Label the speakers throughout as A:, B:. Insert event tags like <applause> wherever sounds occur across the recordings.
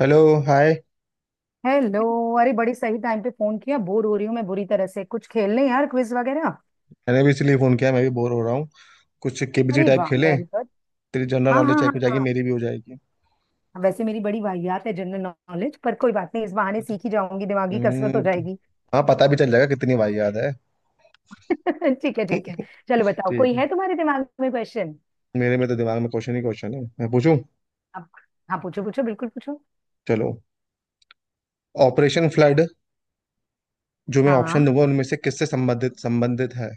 A: Hello. Hi.
B: Hello. अरे बड़ी सही टाइम पे फोन किया, बोर हो रही हूँ मैं बुरी तरह से। कुछ खेल लें यार, क्विज वगैरह।
A: मैंने भी इसलिए फ़ोन किया, मैं भी बोर हो रहा हूँ। कुछ केबीसी
B: अरे
A: टाइप
B: वाह,
A: खेलें।
B: Very good.
A: तेरी जनरल
B: हाँ
A: नॉलेज
B: हाँ
A: चेक हो जाएगी,
B: हाँ।
A: मेरी भी हो जाएगी।
B: हाँ, वैसे मेरी बड़ी वाहियात है जनरल नॉलेज। पर कोई बात नहीं, इस बहाने सीख ही जाऊंगी, दिमागी कसरत हो
A: हम्म,
B: जाएगी।
A: हाँ, पता भी चल जाएगा कितनी बार याद है।
B: <laughs> ठीक है ठीक है। चलो
A: <laughs>
B: बताओ,
A: ठीक
B: कोई
A: है।
B: है तुम्हारे दिमाग में क्वेश्चन?
A: मेरे में तो दिमाग में क्वेश्चन ही क्वेश्चन है, मैं पूछूं।
B: अब। हाँ पूछो पूछो, बिल्कुल पूछो।
A: चलो। ऑपरेशन फ्लड, जो मैं ऑप्शन
B: हाँ
A: दूंगा उनमें से किससे संबंधित संबंधित है।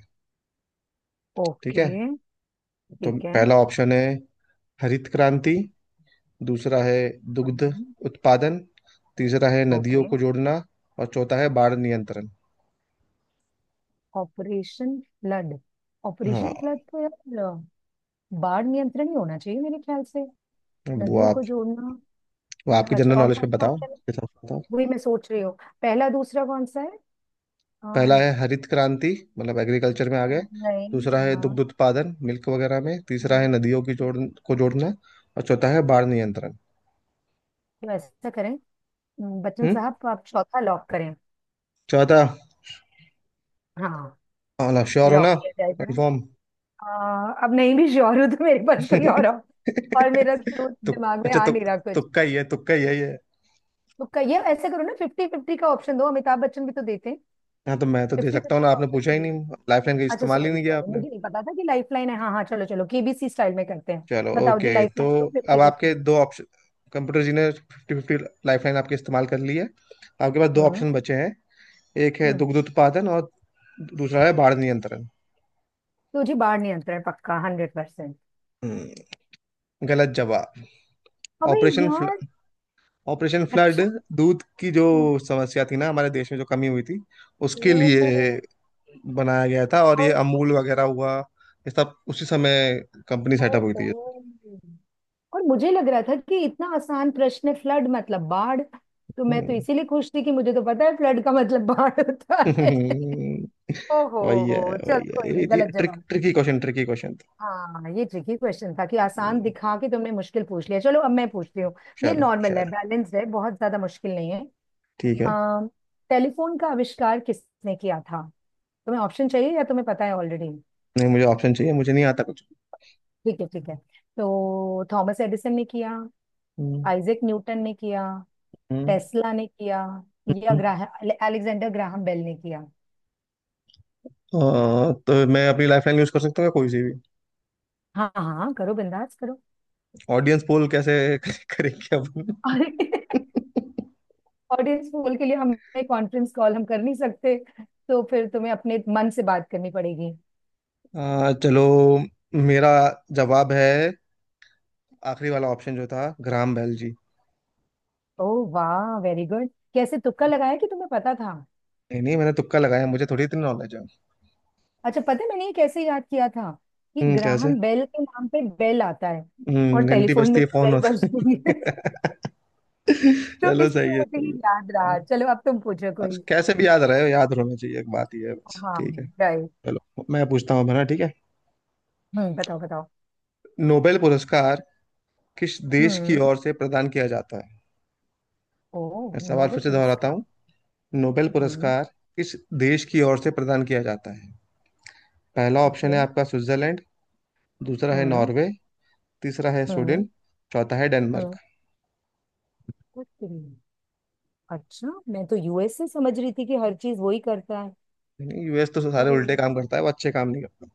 A: ठीक
B: ओके।
A: है, तो
B: ठीक है।
A: पहला ऑप्शन है हरित क्रांति। दूसरा है दुग्ध
B: हम्म,
A: उत्पादन। तीसरा है नदियों
B: ओके।
A: को जोड़ना। और चौथा है बाढ़ नियंत्रण।
B: Operation flood. ऑपरेशन
A: हाँ,
B: फ्लड तो यार बाढ़ नियंत्रण ही होना चाहिए मेरे ख्याल से।
A: अब
B: नदियों को जोड़ना।
A: वो आपकी
B: अच्छा,
A: जनरल
B: और
A: नॉलेज पे
B: कौन सा
A: बताओ,
B: ऑप्शन है?
A: इसके साथ बताओ।
B: वही मैं सोच रही हूँ। पहला दूसरा कौन सा है?
A: पहला
B: अम,
A: है हरित क्रांति, मतलब एग्रीकल्चर में आ गए।
B: नहीं।
A: दूसरा है दुग्ध
B: हाँ।
A: उत्पादन, मिल्क वगैरह में। तीसरा है नदियों की जोड़ को जोड़ना। और चौथा है बाढ़ नियंत्रण।
B: तो ऐसा करें, बच्चन
A: हम्म।
B: साहब, तो आप चौथा लॉक करें।
A: चौथा।
B: हाँ,
A: मतलब श्योर हो
B: लॉक
A: ना?
B: किया जाए जरा।
A: कंफर्म।
B: अ, अब नहीं भी श्योर हूँ तो मेरे पास कोई और
A: <laughs>
B: और मेरा क्लू
A: तो,
B: दिमाग में
A: अच्छा
B: आ
A: तो,
B: नहीं रहा कुछ।
A: तुक्का ही है, तुक्का ही है ये।
B: तो कहिए, ऐसे करो ना, फिफ्टी फिफ्टी का ऑप्शन दो, अमिताभ बच्चन भी तो देते हैं।
A: हाँ, तो मैं तो दे
B: फिफ्टी
A: सकता हूँ
B: फिफ्टी
A: ना,
B: का
A: आपने
B: ऑप्शन
A: पूछा
B: तो
A: ही
B: दे।
A: नहीं। लाइफलाइन का
B: अच्छा
A: इस्तेमाल ही
B: सॉरी
A: नहीं किया
B: सॉरी,
A: आपने।
B: मुझे नहीं पता था कि लाइफ लाइन है। हाँ हाँ, चलो चलो, केबीसी स्टाइल में करते हैं।
A: चलो,
B: बताओ जी,
A: ओके।
B: लाइफ
A: तो
B: लाइन दो
A: अब
B: फिफ्टी
A: आपके
B: फिफ्टी।
A: दो ऑप्शन। कंप्यूटर जी ने फिफ्टी फिफ्टी लाइफलाइन आपके इस्तेमाल कर ली है। आपके पास दो
B: हम्म
A: ऑप्शन बचे हैं। एक है
B: हम्म।
A: दुग्ध उत्पादन, और दूसरा है बाढ़ नियंत्रण।
B: तुझे बाहर नहीं, अंतर है पक्का 100%।
A: हम्म, गलत जवाब।
B: अबे।
A: ऑपरेशन फ्ल,
B: यार।
A: Operation flood.
B: अच्छा।
A: दूध की जो समस्या थी ना हमारे देश में, जो कमी हुई थी उसके लिए
B: ओ।
A: बनाया गया था, और ये
B: और।
A: अमूल वगैरह हुआ ये सब उसी समय कंपनी
B: ओ,
A: सेटअप हुई
B: ओ।
A: थी ये।
B: और मुझे लग रहा था कि इतना आसान प्रश्न है, फ्लड मतलब बाढ़। तो मैं तो
A: हम्म।
B: इसीलिए खुश थी कि मुझे तो पता है फ्लड का मतलब बाढ़ होता है।
A: <laughs>
B: ओहो
A: वही है,
B: चल,
A: वही है,
B: कोई नहीं
A: ये
B: गलत जवाब।
A: ट्रिकी क्वेश्चन, ट्रिकी क्वेश्चन था।
B: हाँ, ये ट्रिकी क्वेश्चन था कि आसान
A: हम्म,
B: दिखा के तुमने मुश्किल पूछ लिया। चलो अब मैं पूछती हूँ। ये
A: चलो
B: नॉर्मल है,
A: चलो।
B: बैलेंस है, बहुत ज्यादा मुश्किल नहीं है।
A: ठीक है।
B: अम, टेलीफोन का आविष्कार किसने किया था? तुम्हें ऑप्शन चाहिए या तुम्हें पता है ऑलरेडी?
A: नहीं, मुझे ऑप्शन चाहिए, मुझे नहीं आता कुछ।
B: ठीक है ठीक है। तो थॉमस एडिसन ने किया।
A: हम्म।
B: आइजैक न्यूटन ने किया।
A: हम्म।
B: टेस्ला ने किया। या
A: हम्म।
B: ग्राहम अलेक्जेंडर ग्राहम बेल ने किया।
A: हाँ, तो मैं अपनी लाइफलाइन यूज कर सकता हूँ या कोई सी भी?
B: हाँ हाँ हाँ, करो बिंदास करो।
A: ऑडियंस पोल कैसे <laughs> करेंगे अपन?
B: <laughs> अरे। ऑडियंस पोल के लिए हमें कॉन्फ्रेंस कॉल हम कर नहीं सकते। तो फिर तुम्हें अपने मन से बात करनी पड़ेगी।
A: चलो। मेरा जवाब है आखिरी वाला ऑप्शन जो था, ग्राम बेल जी।
B: ओह वाह, वेरी गुड। कैसे तुक्का लगाया कि तुम्हें पता था?
A: नहीं नहीं, मैंने तुक्का लगाया, मुझे थोड़ी इतनी नॉलेज है।
B: अच्छा, पता है मैंने ये कैसे याद किया था? कि
A: हम्म, कैसे?
B: ग्राहम बेल के नाम पे बेल आता है और
A: घंटी
B: टेलीफोन
A: बजती
B: में
A: है,
B: भी
A: फोन
B: बेल
A: होता
B: बजती है। <laughs>
A: है। <laughs>
B: तो
A: चलो,
B: इसलिए
A: सही है,
B: मुझे
A: सही
B: ये याद
A: है। हाँ,
B: रहा। चलो अब तुम पूछो कोई।
A: बस कैसे भी याद रहे, याद रहना चाहिए, एक बात ये है बस।
B: हाँ।
A: ठीक है।
B: राइट।
A: चलो, मैं पूछता हूँ अब, है ना? ठीक है।
B: हम्म, बताओ बताओ।
A: नोबेल पुरस्कार किस देश की
B: हम्म।
A: ओर से प्रदान किया जाता है?
B: ओ।
A: मैं सवाल
B: नोबेल
A: फिर से दोहराता
B: पुरस्कार।
A: हूँ। नोबेल
B: हम्म,
A: पुरस्कार किस देश की ओर से प्रदान किया जाता है? पहला ऑप्शन
B: ओके।
A: है आपका स्विट्जरलैंड। दूसरा है
B: हम्म
A: नॉर्वे। तीसरा है
B: हम्म
A: स्वीडन। चौथा है
B: हम्म।
A: डेनमार्क।
B: कुछ भी नहीं। अच्छा, मैं तो यूएस से समझ रही थी कि हर चीज वही करता है।
A: यूएस तो सारे
B: अरे।
A: उल्टे काम करता है, वो अच्छे काम नहीं करता।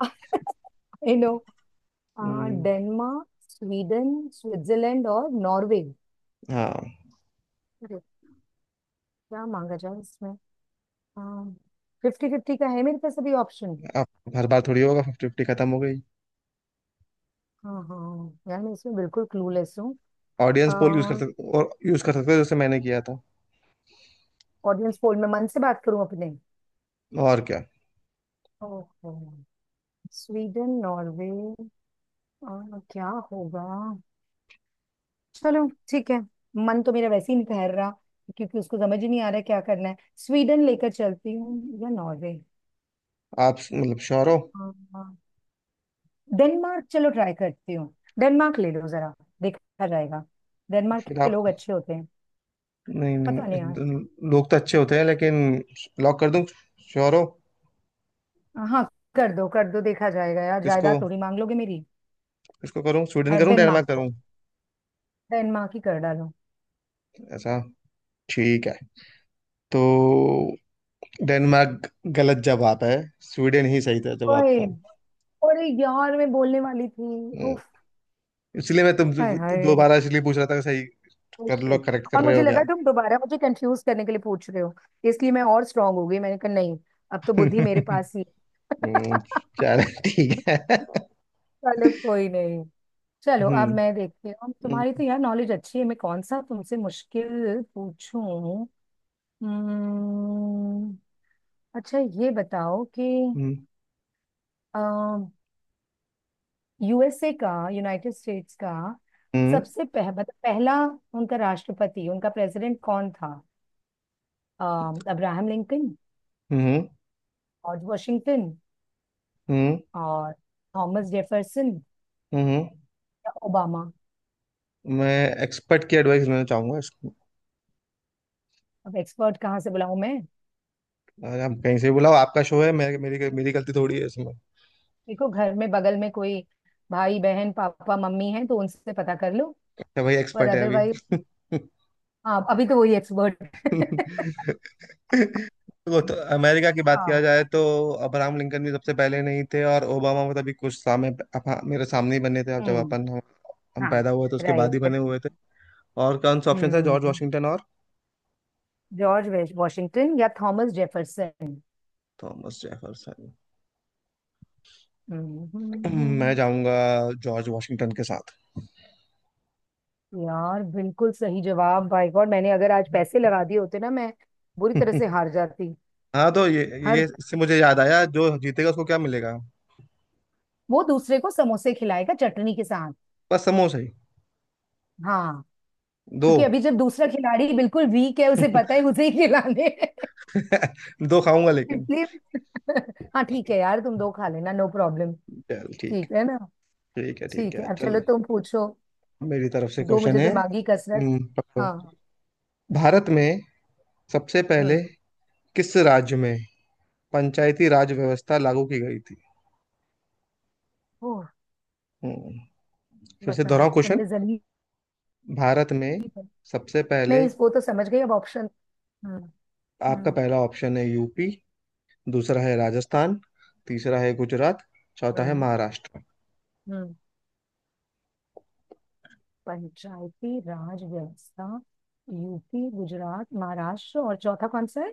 B: <laughs> आई नो।
A: हम्म,
B: डेनमार्क, स्वीडन, स्विट्जरलैंड और नॉर्वे।
A: हाँ।
B: क्या मांगा जाए इसमें? हाँ। फिफ्टी फिफ्टी का है मेरे पास अभी ऑप्शन।
A: आप, हर बार थोड़ी होगा फिफ्टी फिफ्टी, खत्म हो गई।
B: हाँ हाँ, यार मैं इसमें बिल्कुल क्लूलेस हूँ।
A: ऑडियंस पोल यूज कर सकते, और यूज कर सकते हो जैसे मैंने किया था।
B: ऑडियंस पोल में मन से बात करूँ अपने?
A: और क्या।
B: ओहो। Sweden, Norway. क्या होगा। चलो ठीक है। मन तो मेरा वैसे ही नहीं ठहर रहा क्योंकि उसको समझ ही नहीं आ रहा क्या करना है। स्वीडन लेकर चलती हूँ या नॉर्वे?
A: आप मतलब श्योर हो?
B: हाँ, हाँ। डेनमार्क, चलो ट्राई करती हूँ। डेनमार्क ले लो जरा, देखा जाएगा। डेनमार्क
A: फिर
B: के
A: आप।
B: लोग अच्छे होते हैं।
A: नहीं
B: पता नहीं।
A: नहीं, लोग तो अच्छे होते हैं लेकिन। लॉक कर दूं? श्योर हो?
B: हाँ हाँ, कर दो कर दो, देखा जाएगा यार,
A: किसको,
B: जायदाद थोड़ी मांग लोगे मेरी।
A: किसको करूं? स्वीडन करूं? डेनमार्क
B: डेनमार्क को,
A: करूं?
B: डेनमार्क ही कर डालो।
A: ऐसा, ठीक है। तो डेनमार्क गलत जवाब है। स्वीडन ही सही था, जवाब
B: ओए।
A: था।
B: अरे यार, मैं बोलने वाली थी
A: हम्म,
B: उफ।
A: इसलिए मैं तुम
B: हाय हाय।
A: दोबारा इसलिए पूछ रहा था कि सही
B: Oh
A: कर लो,
B: shit.
A: करेक्ट कर
B: और
A: रहे
B: मुझे
A: हो क्या।
B: लगा तुम दोबारा मुझे कंफ्यूज करने के लिए पूछ रहे हो, इसलिए मैं और स्ट्रांग हो गई, मैंने कहा नहीं। अब तो बुद्धि मेरे
A: <laughs>
B: पास ही
A: हम्म,
B: है।
A: चलो ठीक
B: <laughs>
A: है।
B: चलो, कोई नहीं। चलो अब
A: हम्म।
B: मैं देखती हूँ, तुम्हारी
A: हम्म।
B: तो यार नॉलेज अच्छी है, मैं कौन सा तुमसे मुश्किल पूछूं? हम्म, अच्छा ये बताओ कि
A: हम्म।
B: यूएसए का, यूनाइटेड स्टेट्स का
A: हम्म।
B: सबसे पहला उनका राष्ट्रपति, उनका प्रेसिडेंट कौन था? अ, अब्राहम लिंकन,
A: हम्म।
B: जॉर्ज वॉशिंगटन
A: हम्म।
B: और थॉमस जेफरसन,
A: हम्म।
B: या ओबामा?
A: मैं एक्सपर्ट की एडवाइस लेना चाहूंगा इसको।
B: अब एक्सपर्ट कहाँ से बुलाऊं मैं?
A: अगर आप कहीं से बुलाओ, आपका शो है, मैं मेरी मेरी गलती थोड़ी है इसमें।
B: देखो घर में, बगल में कोई भाई बहन पापा मम्मी है तो उनसे पता कर लो।
A: तो भाई
B: पर
A: एक्सपर्ट है अभी।
B: अदरवाइज।
A: <laughs>
B: हाँ, अभी तो वही एक्सपर्ट। <laughs>
A: वो तो, अमेरिका की बात किया
B: हाँ।
A: जाए तो, अब्राहम लिंकन भी सबसे पहले नहीं थे, और ओबामा मतलब अभी कुछ सामने, मेरे सामने ही बने थे। अब जब
B: हम्म।
A: अपन हम
B: हाँ।
A: पैदा हुए थे उसके बाद
B: राइट।
A: ही बने हुए थे। और कौन सा ऑप्शन था, जॉर्ज
B: हम्म।
A: वाशिंगटन और
B: जॉर्ज वॉशिंगटन या थॉमस जेफरसन?
A: Thomas Jefferson. मैं
B: हम्म।
A: जाऊंगा जॉर्ज वाशिंगटन के साथ।
B: यार बिल्कुल सही जवाब भाई, गॉड, मैंने अगर आज पैसे लगा दिए होते ना, मैं बुरी तरह से
A: <laughs>
B: हार जाती।
A: हाँ, तो ये
B: हर।
A: ये इससे मुझे याद आया, जो जीतेगा उसको क्या मिलेगा?
B: वो दूसरे को समोसे खिलाएगा चटनी के साथ।
A: बस समोसा ही
B: हाँ,
A: दो?
B: क्योंकि अभी जब दूसरा खिलाड़ी बिल्कुल वीक है, उसे पता है
A: <laughs>
B: उसे ही खिलाने हैं।
A: दो खाऊंगा
B: <laughs>
A: लेकिन।
B: इसलिए। हाँ ठीक है यार, तुम दो खा लेना, नो प्रॉब्लम।
A: चल ठीक,
B: ठीक है ना?
A: ठीक है। ठीक
B: ठीक
A: है
B: है, अब चलो
A: चल।
B: तुम पूछो।
A: मेरी तरफ से
B: दो
A: क्वेश्चन
B: मुझे
A: है।
B: दिमागी कसरत।
A: पकड़ो।
B: हाँ।
A: भारत में सबसे पहले
B: हम्म।
A: किस राज्य में पंचायती राज व्यवस्था लागू की गई थी?
B: ओह।
A: हम्म, फिर से दोहराओ
B: बताओ
A: क्वेश्चन।
B: तुमने जल्दी।
A: भारत में सबसे पहले।
B: नहीं, वो तो समझ गई, अब ऑप्शन। हम्म
A: आपका
B: हम्म
A: पहला ऑप्शन है यूपी। दूसरा है राजस्थान। तीसरा है गुजरात। चौथा है
B: हम्म
A: महाराष्ट्र।
B: हम्म। पंचायती राज व्यवस्था। यूपी, गुजरात, महाराष्ट्र और चौथा कौन सा है?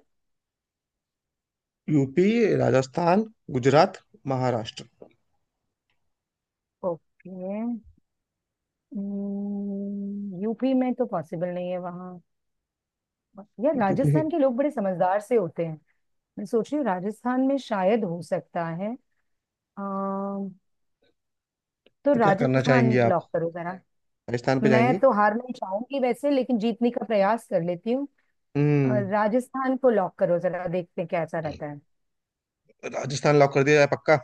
A: UP, Rajasthan, Gujarat, Maharashtra.
B: Okay. UP में तो पॉसिबल नहीं है वहाँ। यार
A: यूपी।
B: राजस्थान के लोग बड़े समझदार से होते हैं। मैं सोच रही हूँ राजस्थान में शायद हो सकता है। अम, तो
A: तो क्या करना
B: राजस्थान
A: चाहेंगे आप?
B: लॉक करो जरा।
A: राजस्थान पे
B: मैं
A: जाएंगे?
B: तो हार नहीं चाहूंगी वैसे, लेकिन जीतने का प्रयास कर लेती। और
A: हम्म।
B: राजस्थान को लॉक करो जरा, देखते हैं कैसा रहता है।
A: राजस्थान लॉक कर दिया जाए? पक्का?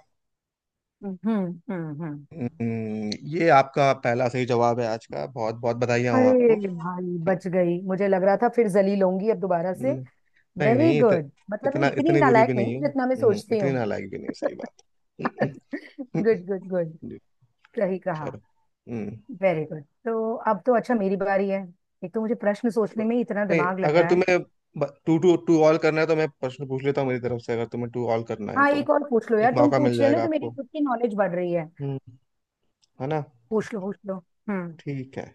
B: हम्म। हम्म।
A: हम्म, ये आपका पहला सही जवाब है आज का, बहुत बहुत बधाइयाँ हो
B: अरे
A: आपको।
B: भाई बच गई, मुझे लग रहा था फिर जलील होंगी अब दोबारा से।
A: हम्म, नहीं
B: वेरी
A: नहीं,
B: गुड, मतलब मैं
A: इतना,
B: इतनी
A: इतनी बुरी भी
B: नालायक नहीं
A: नहीं
B: हूँ,
A: है।
B: जितना मैं सोचती
A: इतनी
B: हूँ।
A: नालायक भी नहीं, सही बात। हम्म।
B: Good good good.
A: जी।
B: सही कहा।
A: चलो। हम्म।
B: वेरी गुड, तो अब तो अच्छा, मेरी बारी है। एक तो मुझे प्रश्न सोचने में ही इतना
A: नहीं,
B: दिमाग लग
A: अगर
B: रहा है।
A: तुम्हें टू टू टू ऑल करना है तो मैं प्रश्न पूछ लेता हूँ मेरी तरफ से, अगर तुम्हें टू ऑल करना है
B: हाँ,
A: तो।
B: एक और पूछ लो यार,
A: एक
B: तुम
A: मौका मिल
B: पूछ रहे हो ना
A: जाएगा
B: तो मेरी
A: आपको।
B: खुद की नॉलेज बढ़ रही है।
A: हम्म, है ना?
B: पूछ लो पूछ लो, हम्म।
A: ठीक है।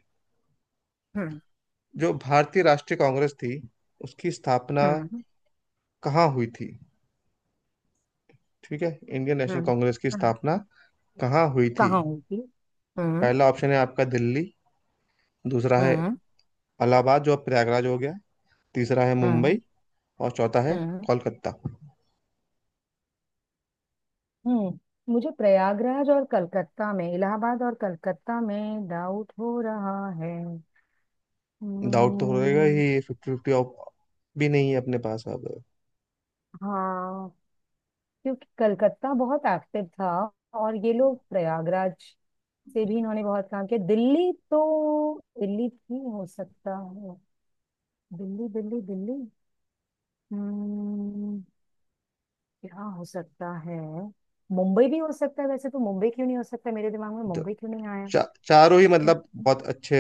B: हम्म
A: जो भारतीय राष्ट्रीय कांग्रेस थी, उसकी स्थापना
B: हम्म
A: कहाँ हुई थी? ठीक है, इंडियन नेशनल
B: हम्म
A: कांग्रेस की
B: हम्म
A: स्थापना कहाँ हुई थी?
B: कहाँ होगी? हम्म
A: पहला ऑप्शन है आपका दिल्ली। दूसरा है
B: हम्म
A: इलाहाबाद जो अब प्रयागराज हो गया। तीसरा है
B: हम्म
A: मुंबई। और चौथा है
B: हम्म
A: कोलकाता।
B: हम्म। मुझे प्रयागराज और कलकत्ता में, इलाहाबाद और कलकत्ता में डाउट हो रहा है।
A: डाउट तो होएगा
B: हम्म।
A: ही, फिफ्टी फिफ्टी भी नहीं है अपने पास अब।
B: हाँ। क्योंकि कलकत्ता बहुत एक्टिव था और ये लोग प्रयागराज से भी इन्होंने बहुत काम किया। दिल्ली तो दिल्ली भी हो सकता है। दिल्ली दिल्ली दिल्ली। हम्म। क्या हो सकता है? मुंबई भी हो सकता है वैसे, तो मुंबई क्यों नहीं हो सकता, मेरे दिमाग में
A: द-
B: मुंबई क्यों नहीं?
A: चारों ही
B: आई
A: मतलब बहुत अच्छे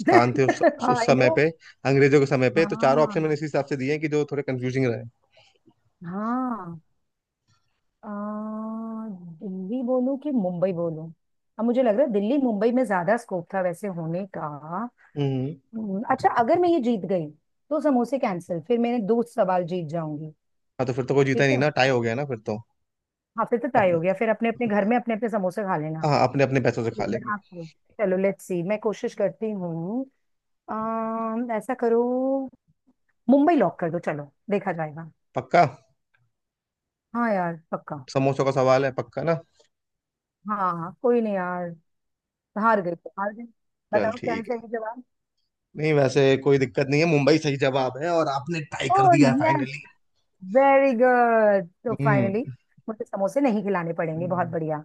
A: स्थान थे उस समय
B: नो।
A: पे, अंग्रेजों के समय
B: <laughs>
A: पे, तो चारों ऑप्शन मैंने
B: हाँ।
A: इसी हिसाब से दिए हैं कि जो थोड़े कंफ्यूजिंग रहे।
B: हाँ। आ, दिल्ली बोलूं कि मुंबई बोलूं? अब मुझे लग रहा है दिल्ली, मुंबई में ज्यादा स्कोप था वैसे होने का।
A: हम्म।
B: अच्छा अगर मैं ये जीत गई तो समोसे कैंसिल, फिर मैंने दो सवाल जीत जाऊंगी।
A: हाँ, तो फिर तो कोई जीता ही
B: ठीक
A: नहीं
B: है।
A: ना, टाई हो गया ना फिर तो।
B: हाँ, फिर तो तय
A: अपने
B: हो गया, फिर अपने अपने घर में अपने अपने समोसे खा लेना।
A: हाँ, अपने अपने पैसों से खा
B: तो मैं
A: लेंगे।
B: आपको चलो लेट्स सी, मैं कोशिश करती हूँ। ऐसा करो, मुंबई लॉक कर दो, चलो देखा जाएगा।
A: पक्का?
B: हाँ यार पक्का।
A: समोसों का सवाल है, पक्का ना?
B: हाँ हाँ, कोई नहीं यार। हार गई तो हार गई।
A: चल
B: बताओ क्या है
A: ठीक है।
B: सही जवाब?
A: नहीं, वैसे कोई दिक्कत नहीं है, मुंबई सही जवाब है, और आपने ट्राई कर
B: ओह
A: दिया है
B: यस।
A: फाइनली।
B: वेरी गुड, तो फाइनली
A: हम्म।
B: मुझे समोसे नहीं खिलाने पड़ेंगे, बहुत
A: हम्म,
B: बढ़िया।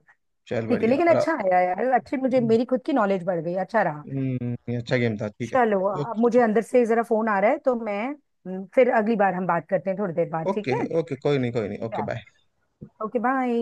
A: चल
B: ठीक है
A: बढ़िया
B: लेकिन
A: और।
B: अच्छा आया यार, अच्छी, मुझे मेरी खुद की नॉलेज बढ़ गई, अच्छा रहा।
A: ये अच्छा गेम था, ठीक है।
B: चलो अब मुझे
A: ओके।
B: अंदर से जरा फोन आ रहा है तो मैं फिर अगली बार हम बात करते हैं थोड़ी देर बाद, ठीक
A: ओके
B: है?
A: ओके, कोई नहीं कोई नहीं, ओके बाय।
B: चलो। Okay bye.